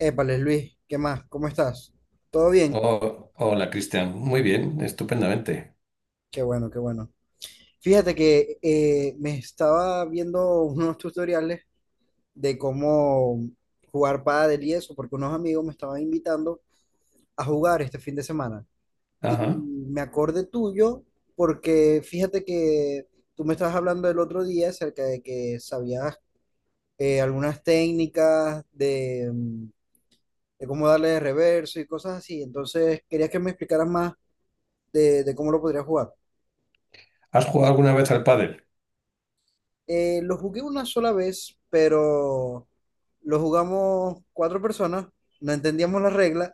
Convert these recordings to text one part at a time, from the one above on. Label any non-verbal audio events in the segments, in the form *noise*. Épale, Luis, ¿qué más? ¿Cómo estás? ¿Todo bien? Oh, hola, Cristian. Muy bien, estupendamente. Qué bueno, qué bueno. Fíjate que me estaba viendo unos tutoriales de cómo jugar pádel y eso, porque unos amigos me estaban invitando a jugar este fin de semana. Y Ajá. me acordé tuyo, porque fíjate que tú me estabas hablando el otro día acerca de que sabías algunas técnicas de, de cómo darle de reverso y cosas así. Entonces, quería que me explicaras más de cómo lo podrías jugar. ¿Has jugado alguna vez al pádel? Lo jugué una sola vez, pero lo jugamos cuatro personas, no entendíamos las reglas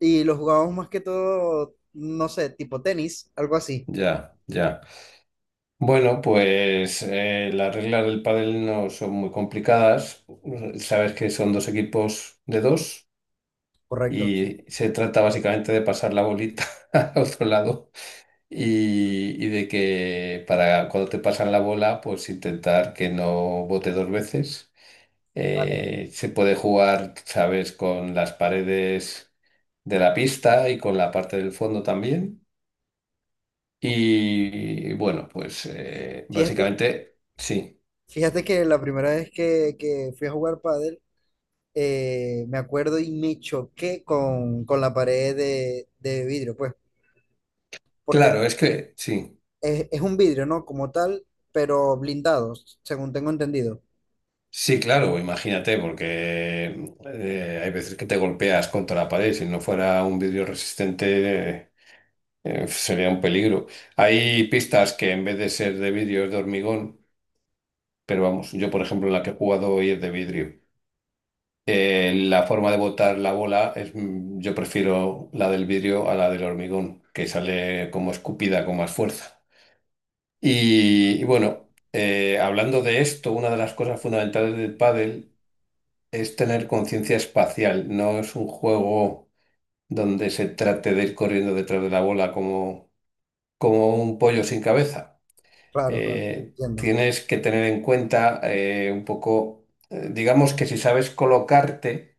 y lo jugábamos más que todo, no sé, tipo tenis, algo así. Ya, ya. Bueno, pues las reglas del pádel no son muy complicadas. Sabes que son dos equipos de dos Correcto, sí. y se trata básicamente de pasar la bolita *laughs* al otro lado y de que para cuando te pasan la bola, pues intentar que no bote dos veces. Vale, vale. Se puede jugar, sabes, con las paredes de la pista y con la parte del fondo también. Y bueno, pues Fíjate, básicamente sí. fíjate que la primera vez que fui a jugar pádel, me acuerdo y me choqué con la pared de vidrio, pues, porque Claro, es que sí. Es un vidrio, ¿no? Como tal, pero blindado, según tengo entendido. Sí, claro, imagínate, porque hay veces que te golpeas contra la pared. Si no fuera un vidrio resistente, sería un peligro. Hay pistas que en vez de ser de vidrio es de hormigón, pero vamos, yo por ejemplo la que he jugado hoy es de vidrio. La forma de botar la bola es, yo prefiero la del vidrio a la del hormigón, que sale como escupida con más fuerza. Y bueno, hablando de esto, una de las cosas fundamentales del pádel es tener conciencia espacial. No es un juego donde se trate de ir corriendo detrás de la bola como un pollo sin cabeza. Claro, claro, entiendo. Tienes que tener en cuenta un poco, digamos que si sabes colocarte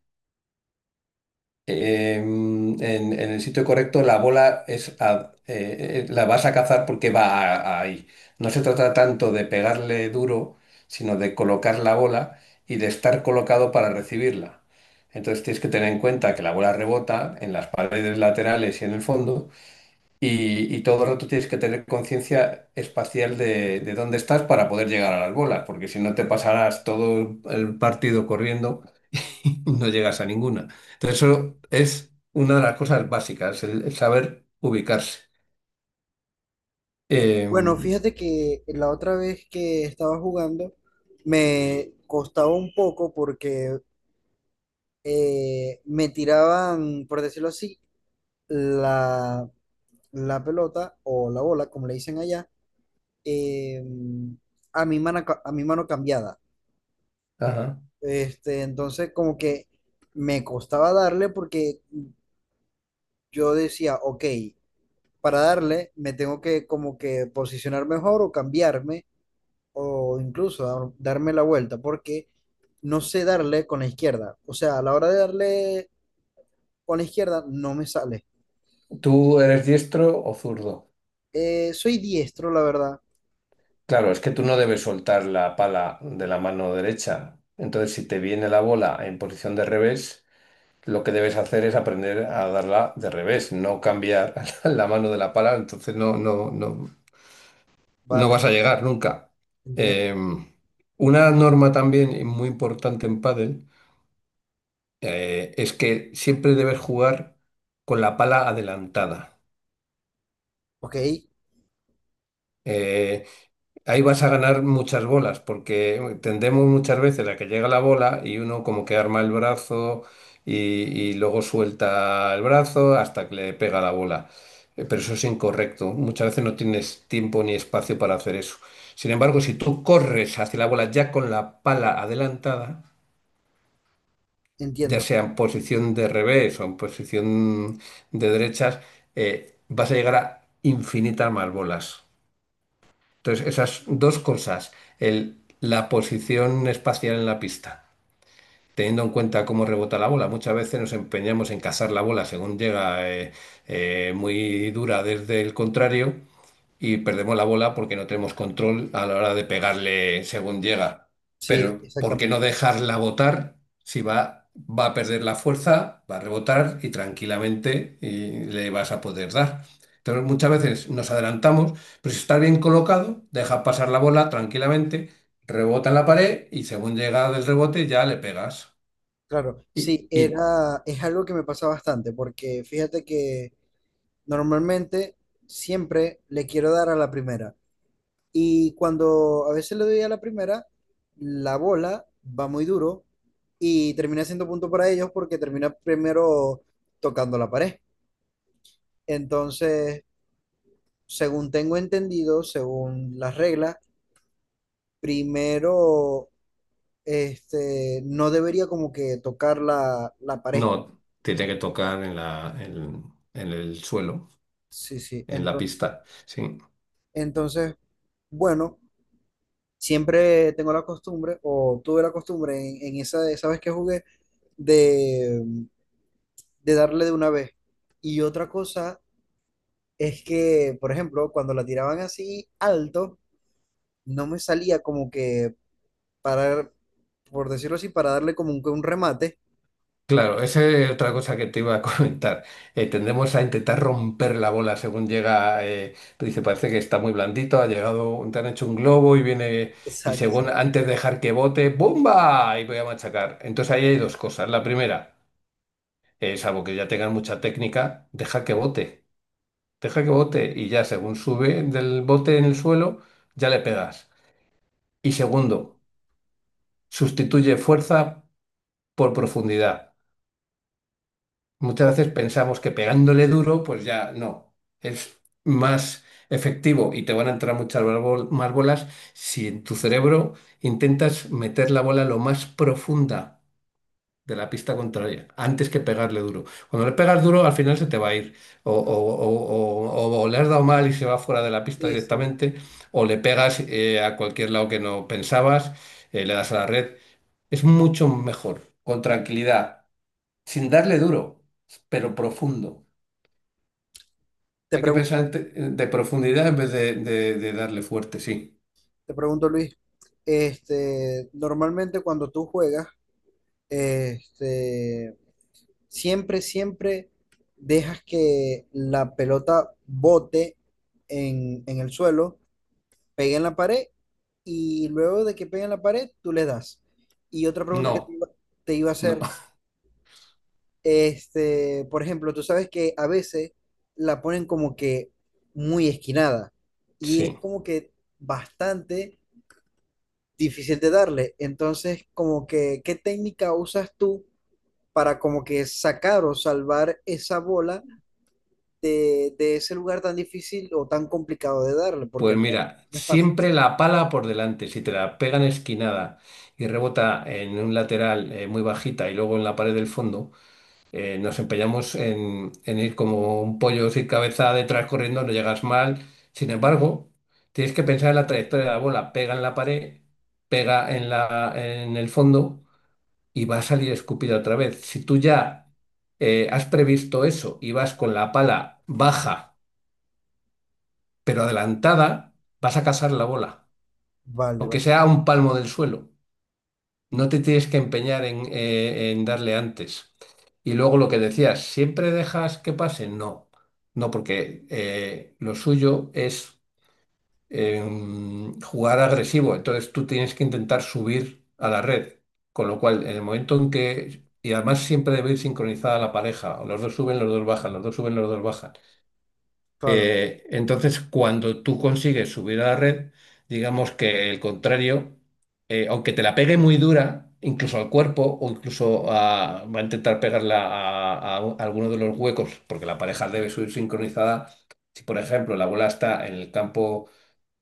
en el sitio correcto, la bola la vas a cazar porque a ahí. No se trata tanto de pegarle duro, sino de colocar la bola y de estar colocado para recibirla. Entonces tienes que tener en cuenta que la bola rebota en las paredes laterales y en el fondo, y todo el rato tienes que tener conciencia espacial de dónde estás para poder llegar a las bolas, porque si no te pasarás todo el partido corriendo *laughs* no llegas a ninguna. Entonces, eso es una de las cosas básicas, el saber ubicarse. Eh, Bueno, fíjate que la otra vez que estaba jugando me costaba un poco porque me tiraban, por decirlo así, la, la pelota o la bola, como le dicen allá, eh, a mi mano, a mi mano cambiada. ajá. Este, entonces como que me costaba darle porque yo decía, ok, para darle me tengo que como que posicionar mejor o cambiarme o incluso darme la vuelta, porque no sé darle con la izquierda. O sea, a la hora de darle con la izquierda no me sale. ¿Tú eres diestro o zurdo? Soy diestro, la verdad. Claro, es que tú no debes soltar la pala de la mano derecha. Entonces, si te viene la bola en posición de revés, lo que debes hacer es aprender a darla de revés, no cambiar *laughs* la mano de la pala, entonces no, no Vale, vas a llegar nunca. entiendo. Eh, una norma también muy importante en pádel es que siempre debes jugar con la pala adelantada. Ok, Eh, Ahí vas a ganar muchas bolas, porque tendemos muchas veces a que llega la bola y uno como que arma el brazo y, y luego suelta el brazo hasta que le pega la bola. Pero eso es incorrecto. Muchas veces no tienes tiempo ni espacio para hacer eso. Sin embargo, si tú corres hacia la bola ya con la pala adelantada, ya entiendo. sea en posición de revés o en posición de derechas, vas a llegar a infinitas más bolas. Entonces, esas dos cosas, la posición espacial en la pista, teniendo en cuenta cómo rebota la bola, muchas veces nos empeñamos en cazar la bola según llega muy dura desde el contrario y perdemos la bola porque no tenemos control a la hora de pegarle según llega. Sí, Pero ¿por qué no exactamente. dejarla botar si va a perder la fuerza, va a rebotar y tranquilamente y le vas a poder dar? Entonces muchas veces nos adelantamos, pero si está bien colocado, deja pasar la bola tranquilamente, rebota en la pared y según llega del rebote ya le pegas. Claro, Y, sí, y era, es algo que me pasa bastante, porque fíjate que normalmente siempre le quiero dar a la primera. Y cuando a veces le doy a la primera, la bola va muy duro y termina siendo punto para ellos porque termina primero tocando la pared. Entonces, según tengo entendido, según las reglas, primero este, no debería como que tocar la, la pared. no, tiene que tocar en en el suelo, Sí, sí. en la Entonces, pista. Sí. entonces, bueno, siempre tengo la costumbre, o tuve la costumbre en esa, esa vez que jugué, de darle de una vez. Y otra cosa es que, por ejemplo, cuando la tiraban así alto, no me salía como que parar, por decirlo así, para darle como un remate. Claro, esa es otra cosa que te iba a *laughs* comentar. Tendemos a intentar romper la bola según llega. Tú dices, parece que está muy blandito, ha llegado, te han hecho un globo y viene, y Exacto, según exacto. antes de dejar que bote, ¡bomba! Y voy a machacar. Entonces ahí hay dos cosas. La primera, salvo que ya tengan mucha técnica, deja que bote y ya según sube del bote en el suelo, ya le pegas. Y segundo, sustituye fuerza por profundidad. Muchas veces pensamos que pegándole duro, pues ya no, es más efectivo y te van a entrar muchas más más bolas si en tu cerebro intentas meter la bola lo más profunda de la pista contraria, antes que pegarle duro. Cuando le pegas duro, al final se te va a ir, o le has dado mal y se va fuera de la pista Sí, sí. directamente, o le pegas a cualquier lado que no pensabas, le das a la red. Es mucho mejor, con tranquilidad sin darle duro, pero profundo. Te Hay que pensar pregunto, de profundidad en vez de darle fuerte, sí. te pregunto, Luis, este, normalmente cuando tú juegas, este, siempre, siempre dejas que la pelota bote en el suelo, pega en la pared y luego de que pegue en la pared, tú le das. Y otra pregunta que No, te iba a no, hacer, *laughs* este, por ejemplo, tú sabes que a veces la ponen como que muy esquinada y es sí. como que bastante difícil de darle. Entonces, como que, ¿qué técnica usas tú para como que sacar o salvar esa bola de ese lugar tan difícil o tan complicado de darle? Porque Pues no es, mira, no es fácil. siempre la pala por delante. Si te la pegan esquinada y rebota en un lateral muy bajita y luego en la pared del fondo, nos empeñamos en ir como un pollo sin cabeza detrás corriendo, no llegas mal. Sin embargo, tienes que pensar en la trayectoria de la bola. Pega en la pared, pega en el fondo y va a salir escupida otra vez. Si tú ya has previsto eso y vas con la pala baja pero adelantada, vas a cazar la bola, Vale, aunque vale, sea a un palmo del suelo. No te tienes que empeñar en darle antes. Y luego lo que decías, ¿siempre dejas que pase? No, no, porque lo suyo es jugar agresivo. Entonces tú tienes que intentar subir a la red. Con lo cual, en el momento en que... Y además siempre debe ir sincronizada la pareja. Los dos suben, los dos bajan, los dos suben, los dos bajan. claro. Entonces, cuando tú consigues subir a la red, digamos que el contrario, aunque te la pegue muy dura, incluso al cuerpo o va a intentar pegarla a, a alguno de los huecos, porque la pareja debe subir sincronizada. Si, por ejemplo, la bola está en el campo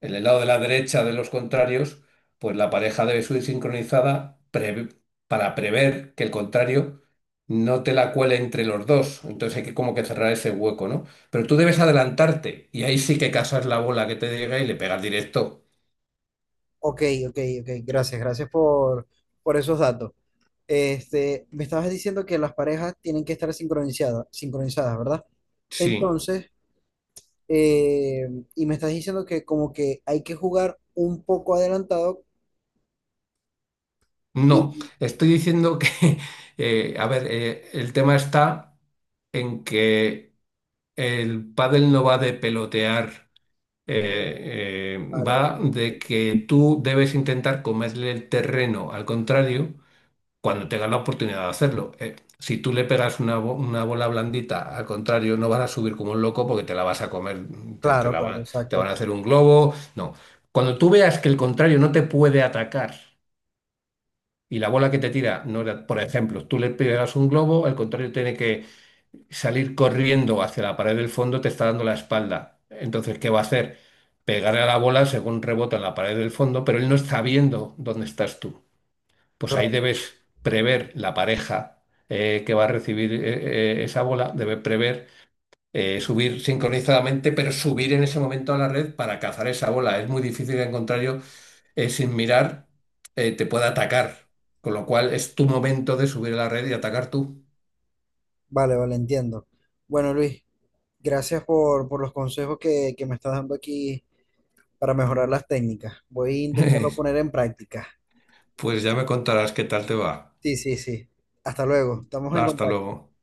en el lado de la derecha de los contrarios, pues la pareja debe subir sincronizada para prever que el contrario no te la cuele entre los dos. Entonces hay que como que cerrar ese hueco, ¿no? Pero tú debes adelantarte y ahí sí que casas la bola que te llega y le pegas directo. Ok, ok, ok. Gracias, gracias por esos datos. Este, me estabas diciendo que las parejas tienen que estar sincronizadas, sincronizadas, ¿verdad? Sí. Entonces, eh, y me estás diciendo que como que hay que jugar un poco adelantado No, y... estoy diciendo que, *laughs* a ver, el tema está en que el pádel no va de pelotear eh, eh, Vale, va vale. de que tú debes intentar comerle el terreno al contrario cuando tengas la oportunidad de hacerlo. Si tú le pegas una, una bola blandita al contrario, no vas a subir como un loco porque te la vas a comer, te Claro, la van claro, a, te van exacto. a hacer un globo. No. Cuando tú veas que el contrario no te puede atacar y la bola que te tira, no era- por ejemplo, tú le pegas un globo, el contrario tiene que salir corriendo hacia la pared del fondo te está dando la espalda. Entonces, ¿qué va a hacer? Pegarle a la bola según rebota en la pared del fondo, pero él no está viendo dónde estás tú. Pues ahí Claro. debes prever la pareja que va a recibir esa bola, debe prever subir sincronizadamente, pero subir en ese momento a la red para cazar esa bola. Es muy difícil, en contrario, sin mirar, te puede atacar. Con lo cual es tu momento de subir a la red y atacar tú. Vale, vale, entiendo. Bueno, Luis, gracias por los consejos que me estás dando aquí para mejorar las técnicas. Voy a intentarlo *laughs* poner en práctica. Pues ya me contarás qué tal te va. Sí, sí, sí. Hasta luego. Estamos en Hasta contacto. luego.